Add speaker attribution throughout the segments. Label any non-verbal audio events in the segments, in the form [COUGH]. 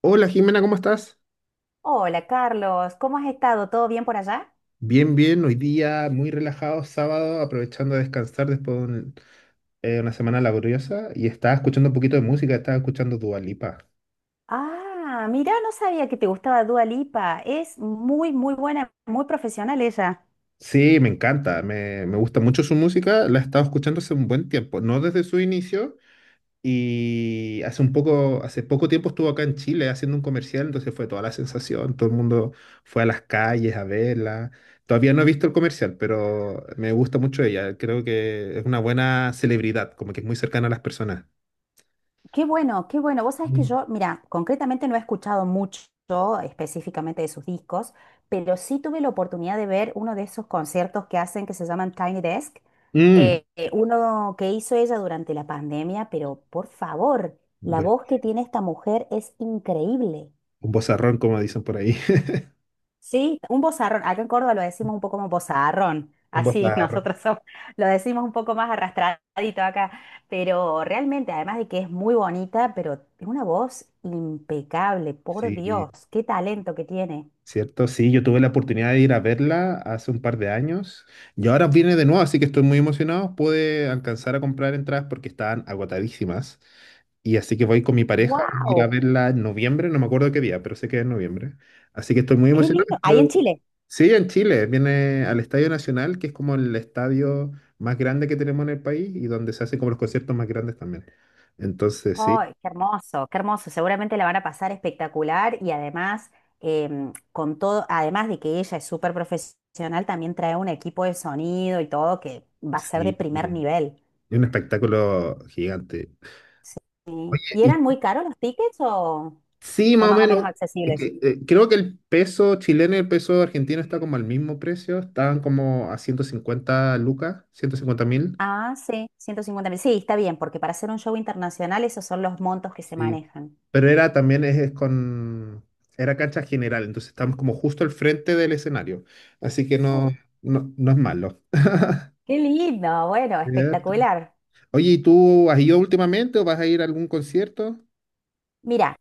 Speaker 1: Hola Jimena, ¿cómo estás?
Speaker 2: Hola Carlos, ¿cómo has estado? ¿Todo bien por allá?
Speaker 1: Bien, bien, hoy día muy relajado, sábado, aprovechando a descansar después de una semana laboriosa y estaba escuchando un poquito de música, estaba escuchando Dua Lipa.
Speaker 2: Ah, mira, no sabía que te gustaba Dua Lipa. Es muy, muy buena, muy profesional ella.
Speaker 1: Sí, me encanta, me gusta mucho su música, la he estado escuchando hace un buen tiempo, no desde su inicio. Y hace poco tiempo estuvo acá en Chile haciendo un comercial, entonces fue toda la sensación, todo el mundo fue a las calles a verla. Todavía no he visto el comercial, pero me gusta mucho ella. Creo que es una buena celebridad, como que es muy cercana a las personas.
Speaker 2: Qué bueno, qué bueno. Vos sabés que
Speaker 1: Mm.
Speaker 2: yo, mira, concretamente no he escuchado mucho específicamente de sus discos, pero sí tuve la oportunidad de ver uno de esos conciertos que hacen que se llaman Tiny Desk.
Speaker 1: Mm,
Speaker 2: Uno que hizo ella durante la pandemia, pero por favor, la
Speaker 1: Bueno,
Speaker 2: voz que tiene esta mujer es increíble.
Speaker 1: un vozarrón, como dicen por ahí. [LAUGHS]
Speaker 2: Sí, un bozarrón. Acá en Córdoba lo decimos un poco como bozarrón.
Speaker 1: Un
Speaker 2: Así [LAUGHS]
Speaker 1: vozarrón.
Speaker 2: lo decimos un poco más arrastradito acá. Pero realmente, además de que es muy bonita, pero tiene una voz impecable, por Dios,
Speaker 1: Sí.
Speaker 2: qué talento que tiene.
Speaker 1: ¿Cierto? Sí, yo tuve la oportunidad de ir a verla hace un par de años y ahora viene de nuevo, así que estoy muy emocionado. Pude alcanzar a comprar entradas porque estaban agotadísimas y así que voy con mi pareja a ir a
Speaker 2: ¡Wow!
Speaker 1: verla en noviembre, no me acuerdo qué día, pero sé que es en noviembre. Así que estoy muy
Speaker 2: ¡Qué
Speaker 1: emocionado.
Speaker 2: lindo! Ahí en Chile.
Speaker 1: Sí, en Chile, viene al Estadio Nacional, que es como el estadio más grande que tenemos en el país y donde se hacen como los conciertos más grandes también. Entonces, sí.
Speaker 2: ¡Ay, qué hermoso, qué hermoso! Seguramente la van a pasar espectacular y además, con todo, además de que ella es súper profesional, también trae un equipo de sonido y todo que va a ser de
Speaker 1: Sí,
Speaker 2: primer nivel.
Speaker 1: es un espectáculo gigante.
Speaker 2: Sí. ¿Y
Speaker 1: ¿Y
Speaker 2: eran muy caros los tickets
Speaker 1: Sí,
Speaker 2: o
Speaker 1: más o
Speaker 2: más o
Speaker 1: menos.
Speaker 2: menos
Speaker 1: Es
Speaker 2: accesibles?
Speaker 1: que, creo que el peso chileno y el peso argentino está como al mismo precio. Estaban como a 150 lucas, 150.000.
Speaker 2: Ah, sí, 150.000. Sí, está bien, porque para hacer un show internacional esos son los montos que se
Speaker 1: Sí.
Speaker 2: manejan.
Speaker 1: Pero era también es con. Era cancha general, entonces estamos como justo al frente del escenario. Así que no,
Speaker 2: Oh,
Speaker 1: no, no es malo.
Speaker 2: qué lindo, bueno,
Speaker 1: Cierto.
Speaker 2: espectacular.
Speaker 1: Oye, ¿y tú has ido últimamente o vas a ir a algún concierto?
Speaker 2: Mira,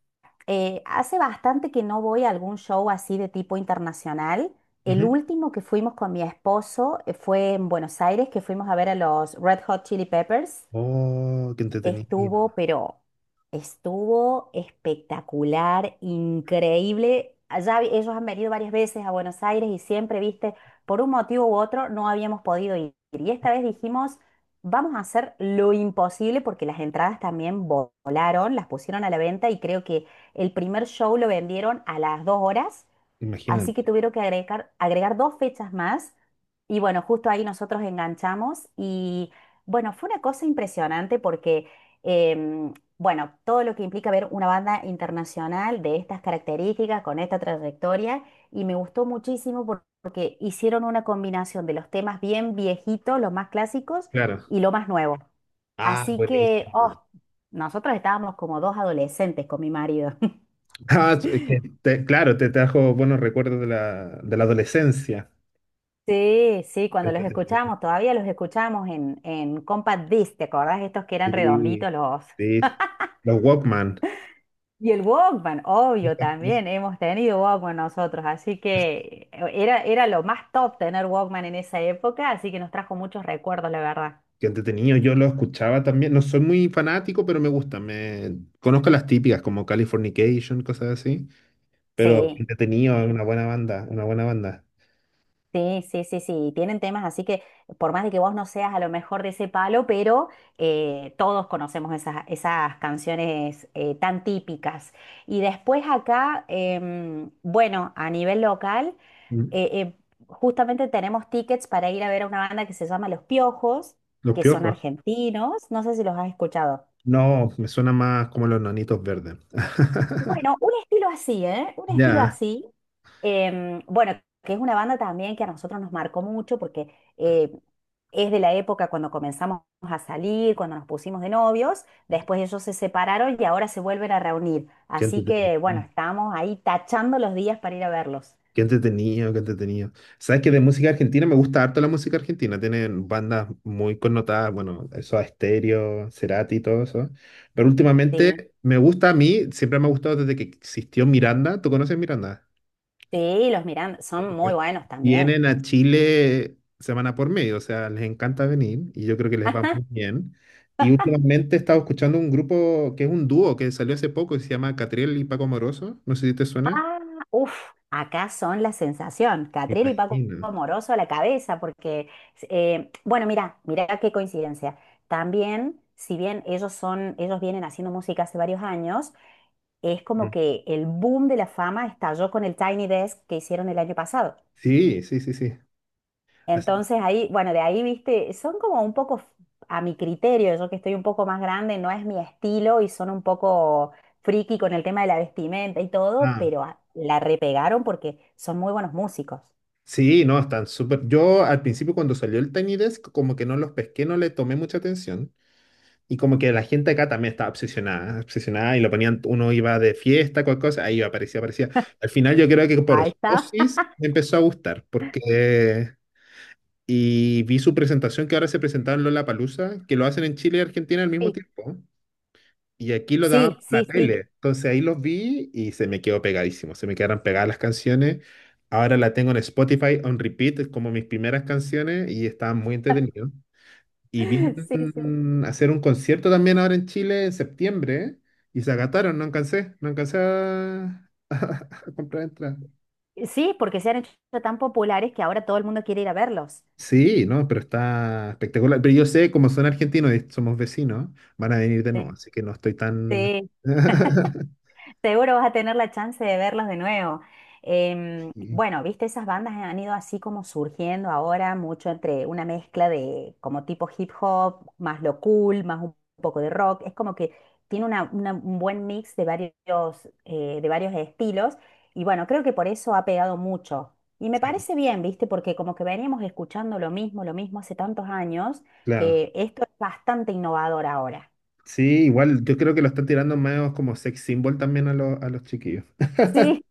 Speaker 2: hace bastante que no voy a algún show así de tipo internacional. El
Speaker 1: Ujú.
Speaker 2: último que fuimos con mi esposo fue en Buenos Aires, que fuimos a ver a los Red Hot Chili Peppers.
Speaker 1: Oh, qué entretenido.
Speaker 2: Estuvo, pero estuvo espectacular, increíble. Ellos han venido varias veces a Buenos Aires y siempre, viste, por un motivo u otro no habíamos podido ir. Y esta vez dijimos, vamos a hacer lo imposible porque las entradas también volaron, las pusieron a la venta y creo que el primer show lo vendieron a las 2 horas. Así
Speaker 1: Imagínate.
Speaker 2: que tuvieron que agregar dos fechas más, y bueno, justo ahí nosotros enganchamos y bueno, fue una cosa impresionante porque, bueno, todo lo que implica ver una banda internacional de estas características, con esta trayectoria, y me gustó muchísimo porque hicieron una combinación de los temas bien viejitos, los más clásicos
Speaker 1: Claro.
Speaker 2: y lo más nuevo.
Speaker 1: Ah,
Speaker 2: Así que,
Speaker 1: buenísimo.
Speaker 2: oh, nosotros estábamos como dos adolescentes con mi marido.
Speaker 1: Ah, es que claro, te trajo buenos recuerdos de la adolescencia.
Speaker 2: Sí, sí, cuando los
Speaker 1: Sí,
Speaker 2: escuchamos, todavía los escuchamos en Compact Disc, ¿te acordás? Estos que
Speaker 1: sí,
Speaker 2: eran redonditos los...
Speaker 1: sí. Los Walkman.
Speaker 2: Y el Walkman, obvio,
Speaker 1: Estas cosas.
Speaker 2: también hemos tenido Walkman nosotros, así que era, era lo más top tener Walkman en esa época, así que nos trajo muchos recuerdos, la verdad.
Speaker 1: Qué entretenido, yo lo escuchaba también. No soy muy fanático, pero me gusta. Conozco las típicas como Californication, cosas así. Pero
Speaker 2: Sí.
Speaker 1: entretenido, es
Speaker 2: Sí.
Speaker 1: una buena banda, una buena banda.
Speaker 2: Sí, sí, sí, sí, y tienen temas, así que por más de que vos no seas a lo mejor de ese palo, pero todos conocemos esas, esas canciones tan típicas. Y después acá, bueno, a nivel local, eh,
Speaker 1: Mm.
Speaker 2: eh, justamente tenemos tickets para ir a ver a una banda que se llama Los Piojos,
Speaker 1: Los
Speaker 2: que son
Speaker 1: Piojos.
Speaker 2: argentinos, no sé si los has escuchado.
Speaker 1: No, me suena más como los Nanitos Verdes. [LAUGHS]
Speaker 2: Bueno, un estilo así, ¿eh? Un estilo
Speaker 1: Ya,
Speaker 2: así. Bueno, que es una banda también que a nosotros nos marcó mucho porque eh, es de la época cuando comenzamos a salir, cuando nos pusimos de novios, después ellos se separaron y ahora se vuelven a reunir.
Speaker 1: qué
Speaker 2: Así que bueno,
Speaker 1: entretenido.
Speaker 2: estamos ahí tachando los días para ir a verlos.
Speaker 1: Qué entretenido, qué entretenido. Sabes que de música argentina me gusta harto la música argentina. Tienen bandas muy connotadas, bueno, eso Estéreo, Cerati y todo eso. Pero
Speaker 2: Sí,
Speaker 1: últimamente me gusta a mí, siempre me ha gustado desde que existió Miranda. ¿Tú conoces Miranda?
Speaker 2: sí, los miran,
Speaker 1: Por
Speaker 2: son muy
Speaker 1: supuesto.
Speaker 2: buenos también.
Speaker 1: Vienen a Chile semana por medio, o sea, les encanta venir y yo creo que les va muy bien. Y últimamente he estado escuchando un grupo que es un dúo que salió hace poco que se llama Catriel y Paco Amoroso. No sé si te suena.
Speaker 2: Ah, uff, acá son la sensación.
Speaker 1: Me
Speaker 2: Catriel y Paco
Speaker 1: imagino.
Speaker 2: Moroso a la cabeza, porque, bueno, mira, mira qué coincidencia. También, si bien ellos son, ellos vienen haciendo música hace varios años, es como
Speaker 1: Mm.
Speaker 2: que el boom de la fama estalló con el Tiny Desk que hicieron el año pasado.
Speaker 1: Sí, sí, sí, sí. Así-
Speaker 2: Entonces ahí, bueno, de ahí, viste, son como un poco, a mi criterio, yo que estoy un poco más grande, no es mi estilo y son un poco friki con el tema de la vestimenta y todo,
Speaker 1: ah,
Speaker 2: pero la repegaron porque son muy buenos músicos.
Speaker 1: sí, no, están súper. Yo al principio cuando salió el Tiny Desk, como que no los pesqué, no le tomé mucha atención. Y como que la gente acá también estaba obsesionada, obsesionada y lo ponían, uno iba de fiesta, cualquier cosa, ahí iba, aparecía, aparecía. Al final yo creo que por
Speaker 2: Ahí está.
Speaker 1: osmosis
Speaker 2: [LAUGHS]
Speaker 1: me empezó a gustar, porque. Y vi su presentación que ahora se presentaba en Lollapalooza, que lo hacen en Chile y Argentina al mismo
Speaker 2: Sí,
Speaker 1: tiempo. Y aquí lo daban
Speaker 2: sí,
Speaker 1: por la
Speaker 2: sí, sí.
Speaker 1: tele. Entonces ahí los vi y se me quedó pegadísimo. Se me quedaron pegadas las canciones. Ahora la tengo en Spotify on repeat, es como mis primeras canciones y estaban muy entretenidos. Y
Speaker 2: [LAUGHS] Sí, sí.
Speaker 1: vienen a hacer un concierto también ahora en Chile en septiembre y se agataron. No no alcancé a, [LAUGHS] a comprar entradas.
Speaker 2: Sí, porque se han hecho tan populares que ahora todo el mundo quiere ir a verlos.
Speaker 1: Sí, no, pero está espectacular. Pero yo sé, como son argentinos y somos vecinos, van a venir de nuevo,
Speaker 2: Sí.
Speaker 1: así que no estoy tan.
Speaker 2: Sí,
Speaker 1: [LAUGHS]
Speaker 2: seguro vas a tener la chance de verlos de nuevo.
Speaker 1: Sí,
Speaker 2: Bueno, viste, esas bandas han ido así como surgiendo ahora, mucho entre una mezcla de como tipo hip hop, más lo cool, más un poco de rock. Es como que un buen mix de varios estilos. Y bueno, creo que por eso ha pegado mucho. Y me parece bien, viste, porque como que veníamos escuchando lo mismo hace tantos años,
Speaker 1: claro.
Speaker 2: que esto es bastante innovador ahora.
Speaker 1: Sí, igual, yo creo que lo están tirando más como sex symbol también a los chiquillos,
Speaker 2: Sí,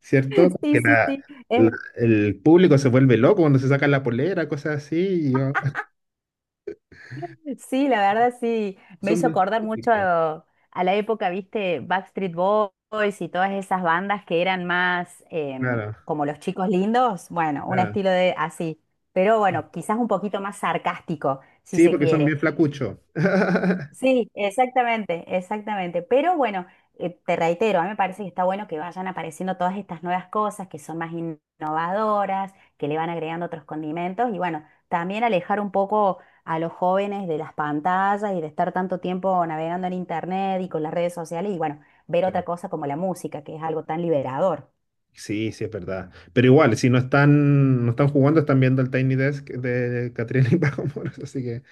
Speaker 1: ¿cierto?
Speaker 2: [LAUGHS] sí,
Speaker 1: Que
Speaker 2: sí, sí.
Speaker 1: la- el público se vuelve loco cuando se sacan la polera, cosas así.
Speaker 2: Sí, la verdad sí,
Speaker 1: [LAUGHS]
Speaker 2: me
Speaker 1: Son
Speaker 2: hizo
Speaker 1: bien
Speaker 2: acordar mucho
Speaker 1: flaquitos,
Speaker 2: a la época, viste, Backstreet Boys y todas esas bandas que eran más
Speaker 1: claro,
Speaker 2: como los chicos lindos, bueno, un
Speaker 1: claro.
Speaker 2: estilo de así, pero bueno, quizás un poquito más sarcástico, si
Speaker 1: Sí,
Speaker 2: se
Speaker 1: porque son
Speaker 2: quiere.
Speaker 1: bien flacuchos. [LAUGHS]
Speaker 2: Sí, exactamente, exactamente. Pero bueno, te reitero, a mí me parece que está bueno que vayan apareciendo todas estas nuevas cosas que son más innovadoras, que le van agregando otros condimentos y bueno, también alejar un poco a los jóvenes de las pantallas y de estar tanto tiempo navegando en internet y con las redes sociales y bueno, ver otra
Speaker 1: Claro.
Speaker 2: cosa como la música, que es algo tan liberador.
Speaker 1: Sí, sí, es verdad. Pero igual, si no están jugando, están viendo el Tiny Desk de Catriel y [LAUGHS] Paco Moros, así que.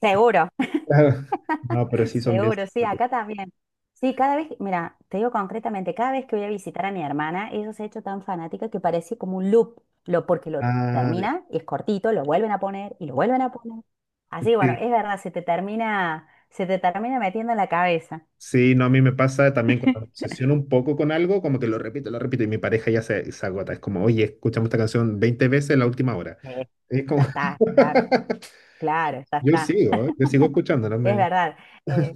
Speaker 2: Seguro.
Speaker 1: Claro. No, pero sí son bien
Speaker 2: Seguro, sí,
Speaker 1: simpáticos.
Speaker 2: acá también. Sí, cada vez, mira, te digo concretamente, cada vez que voy a visitar a mi hermana, ella se ha hecho tan fanática que parece como un loop, lo, porque lo
Speaker 1: Ah,
Speaker 2: termina, es cortito, lo vuelven a poner y lo vuelven a poner. Así que bueno,
Speaker 1: sí.
Speaker 2: es verdad, se te termina metiendo en la cabeza.
Speaker 1: Sí, no, a mí me pasa también cuando me obsesiono un poco con algo, como que lo repito, y mi pareja ya se agota. Es como, oye, escuchamos esta canción 20 veces en la última hora.
Speaker 2: Sí,
Speaker 1: Es
Speaker 2: ya
Speaker 1: como,
Speaker 2: está, claro,
Speaker 1: [LAUGHS]
Speaker 2: claro, ya
Speaker 1: yo
Speaker 2: está,
Speaker 1: sigo, ¿eh? Yo sigo escuchando, no
Speaker 2: es
Speaker 1: me.
Speaker 2: verdad. Eh,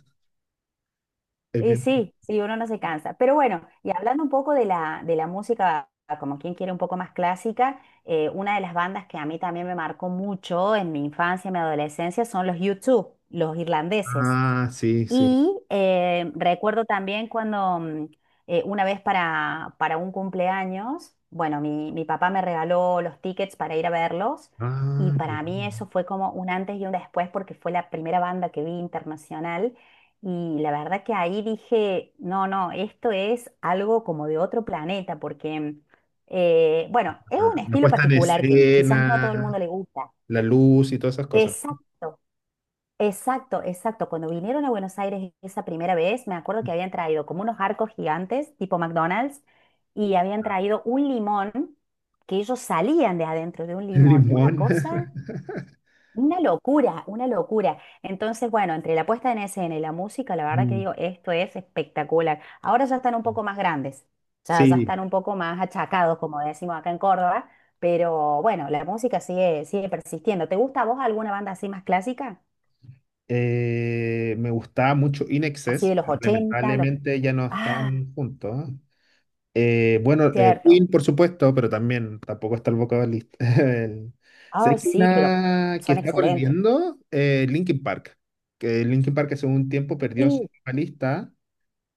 Speaker 1: Es
Speaker 2: Y
Speaker 1: bien.
Speaker 2: sí, sí, uno no se cansa. Pero bueno, y hablando un poco de de la música, como quien quiere un poco más clásica, una de las bandas que a mí también me marcó mucho en mi infancia y mi adolescencia son los U2, los irlandeses.
Speaker 1: Ah, sí, sí.
Speaker 2: Y recuerdo también cuando una vez para un cumpleaños, bueno, mi papá me regaló los tickets para ir a verlos y
Speaker 1: Ah, qué
Speaker 2: para mí
Speaker 1: bueno.
Speaker 2: eso fue como un antes y un después porque fue la primera banda que vi internacional y la verdad que ahí dije, no, no, esto es algo como de otro planeta porque, bueno, es un
Speaker 1: Ah, la
Speaker 2: estilo
Speaker 1: puesta en
Speaker 2: particular que quizás no a todo el
Speaker 1: escena,
Speaker 2: mundo le gusta.
Speaker 1: la luz y todas esas cosas.
Speaker 2: Exacto. Exacto, exacto. Cuando vinieron a Buenos Aires esa primera vez, me acuerdo que habían traído como unos arcos gigantes, tipo McDonald's, y habían traído un limón, que ellos salían de adentro de un
Speaker 1: [LAUGHS] El
Speaker 2: limón. Una
Speaker 1: limón.
Speaker 2: cosa,
Speaker 1: [LAUGHS]
Speaker 2: una locura, una locura. Entonces, bueno, entre la puesta en escena y la música, la verdad que
Speaker 1: Mm,
Speaker 2: digo, esto es espectacular. Ahora ya están un poco más grandes, ya, ya
Speaker 1: Sí,
Speaker 2: están un poco más achacados, como decimos acá en Córdoba, pero bueno, la música sigue, sigue persistiendo. ¿Te gusta a vos alguna banda así más clásica?
Speaker 1: me gustaba mucho In
Speaker 2: Así
Speaker 1: Excess,
Speaker 2: de los
Speaker 1: pero
Speaker 2: 80, los...
Speaker 1: lamentablemente ya no
Speaker 2: Ah,
Speaker 1: están juntos. Bueno,
Speaker 2: cierto.
Speaker 1: Queen, por supuesto, pero también tampoco está el vocalista. [LAUGHS] El- ¿Sabes
Speaker 2: Ah,
Speaker 1: que
Speaker 2: sí, pero
Speaker 1: una que
Speaker 2: son
Speaker 1: está
Speaker 2: excelentes.
Speaker 1: volviendo? Linkin Park. Que Linkin Park hace un tiempo perdió a su
Speaker 2: Sí,
Speaker 1: vocalista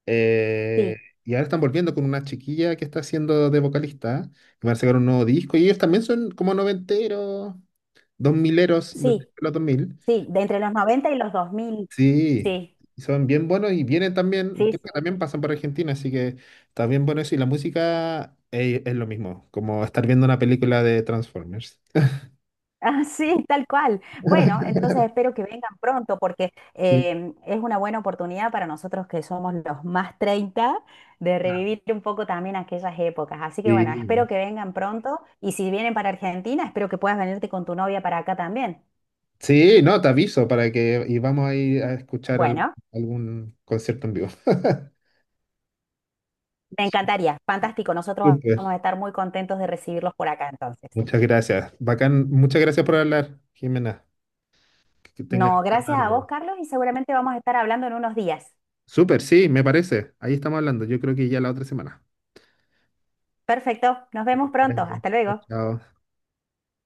Speaker 1: eh,
Speaker 2: sí,
Speaker 1: y ahora están volviendo con una chiquilla que está haciendo de vocalista. Y van a sacar un nuevo disco y ellos también son como noventeros, dos mileros, de
Speaker 2: sí,
Speaker 1: los dos mil.
Speaker 2: sí, de entre los 90 y los 2000.
Speaker 1: Sí,
Speaker 2: Sí,
Speaker 1: y son bien buenos y vienen también,
Speaker 2: sí,
Speaker 1: creo
Speaker 2: sí.
Speaker 1: que también
Speaker 2: [LAUGHS]
Speaker 1: pasan por Argentina, así que está bien bueno eso. Y la música es, lo mismo, como estar viendo una película de Transformers.
Speaker 2: Ah, sí, tal cual. Bueno, entonces espero que vengan pronto porque
Speaker 1: Sí.
Speaker 2: es una buena oportunidad para nosotros que somos los más 30 de revivir un poco también aquellas épocas. Así que bueno,
Speaker 1: Sí,
Speaker 2: espero que vengan pronto y si vienen para Argentina, espero que puedas venirte con tu novia para acá también.
Speaker 1: sí, no, te aviso para que y vamos a ir a escuchar
Speaker 2: Bueno.
Speaker 1: algún concierto en vivo. [LAUGHS]
Speaker 2: Me encantaría, fantástico. Nosotros
Speaker 1: Súper.
Speaker 2: vamos a estar muy contentos de recibirlos por acá entonces.
Speaker 1: Muchas gracias. Bacán, muchas gracias por hablar, Jimena. Que tengas
Speaker 2: No,
Speaker 1: esta
Speaker 2: gracias a vos,
Speaker 1: tarde.
Speaker 2: Carlos, y seguramente vamos a estar hablando en unos días.
Speaker 1: Súper, sí, me parece. Ahí estamos hablando. Yo creo que ya la otra semana.
Speaker 2: Perfecto, nos
Speaker 1: Que te
Speaker 2: vemos
Speaker 1: vaya
Speaker 2: pronto.
Speaker 1: bien.
Speaker 2: Hasta
Speaker 1: Chao,
Speaker 2: luego.
Speaker 1: chao.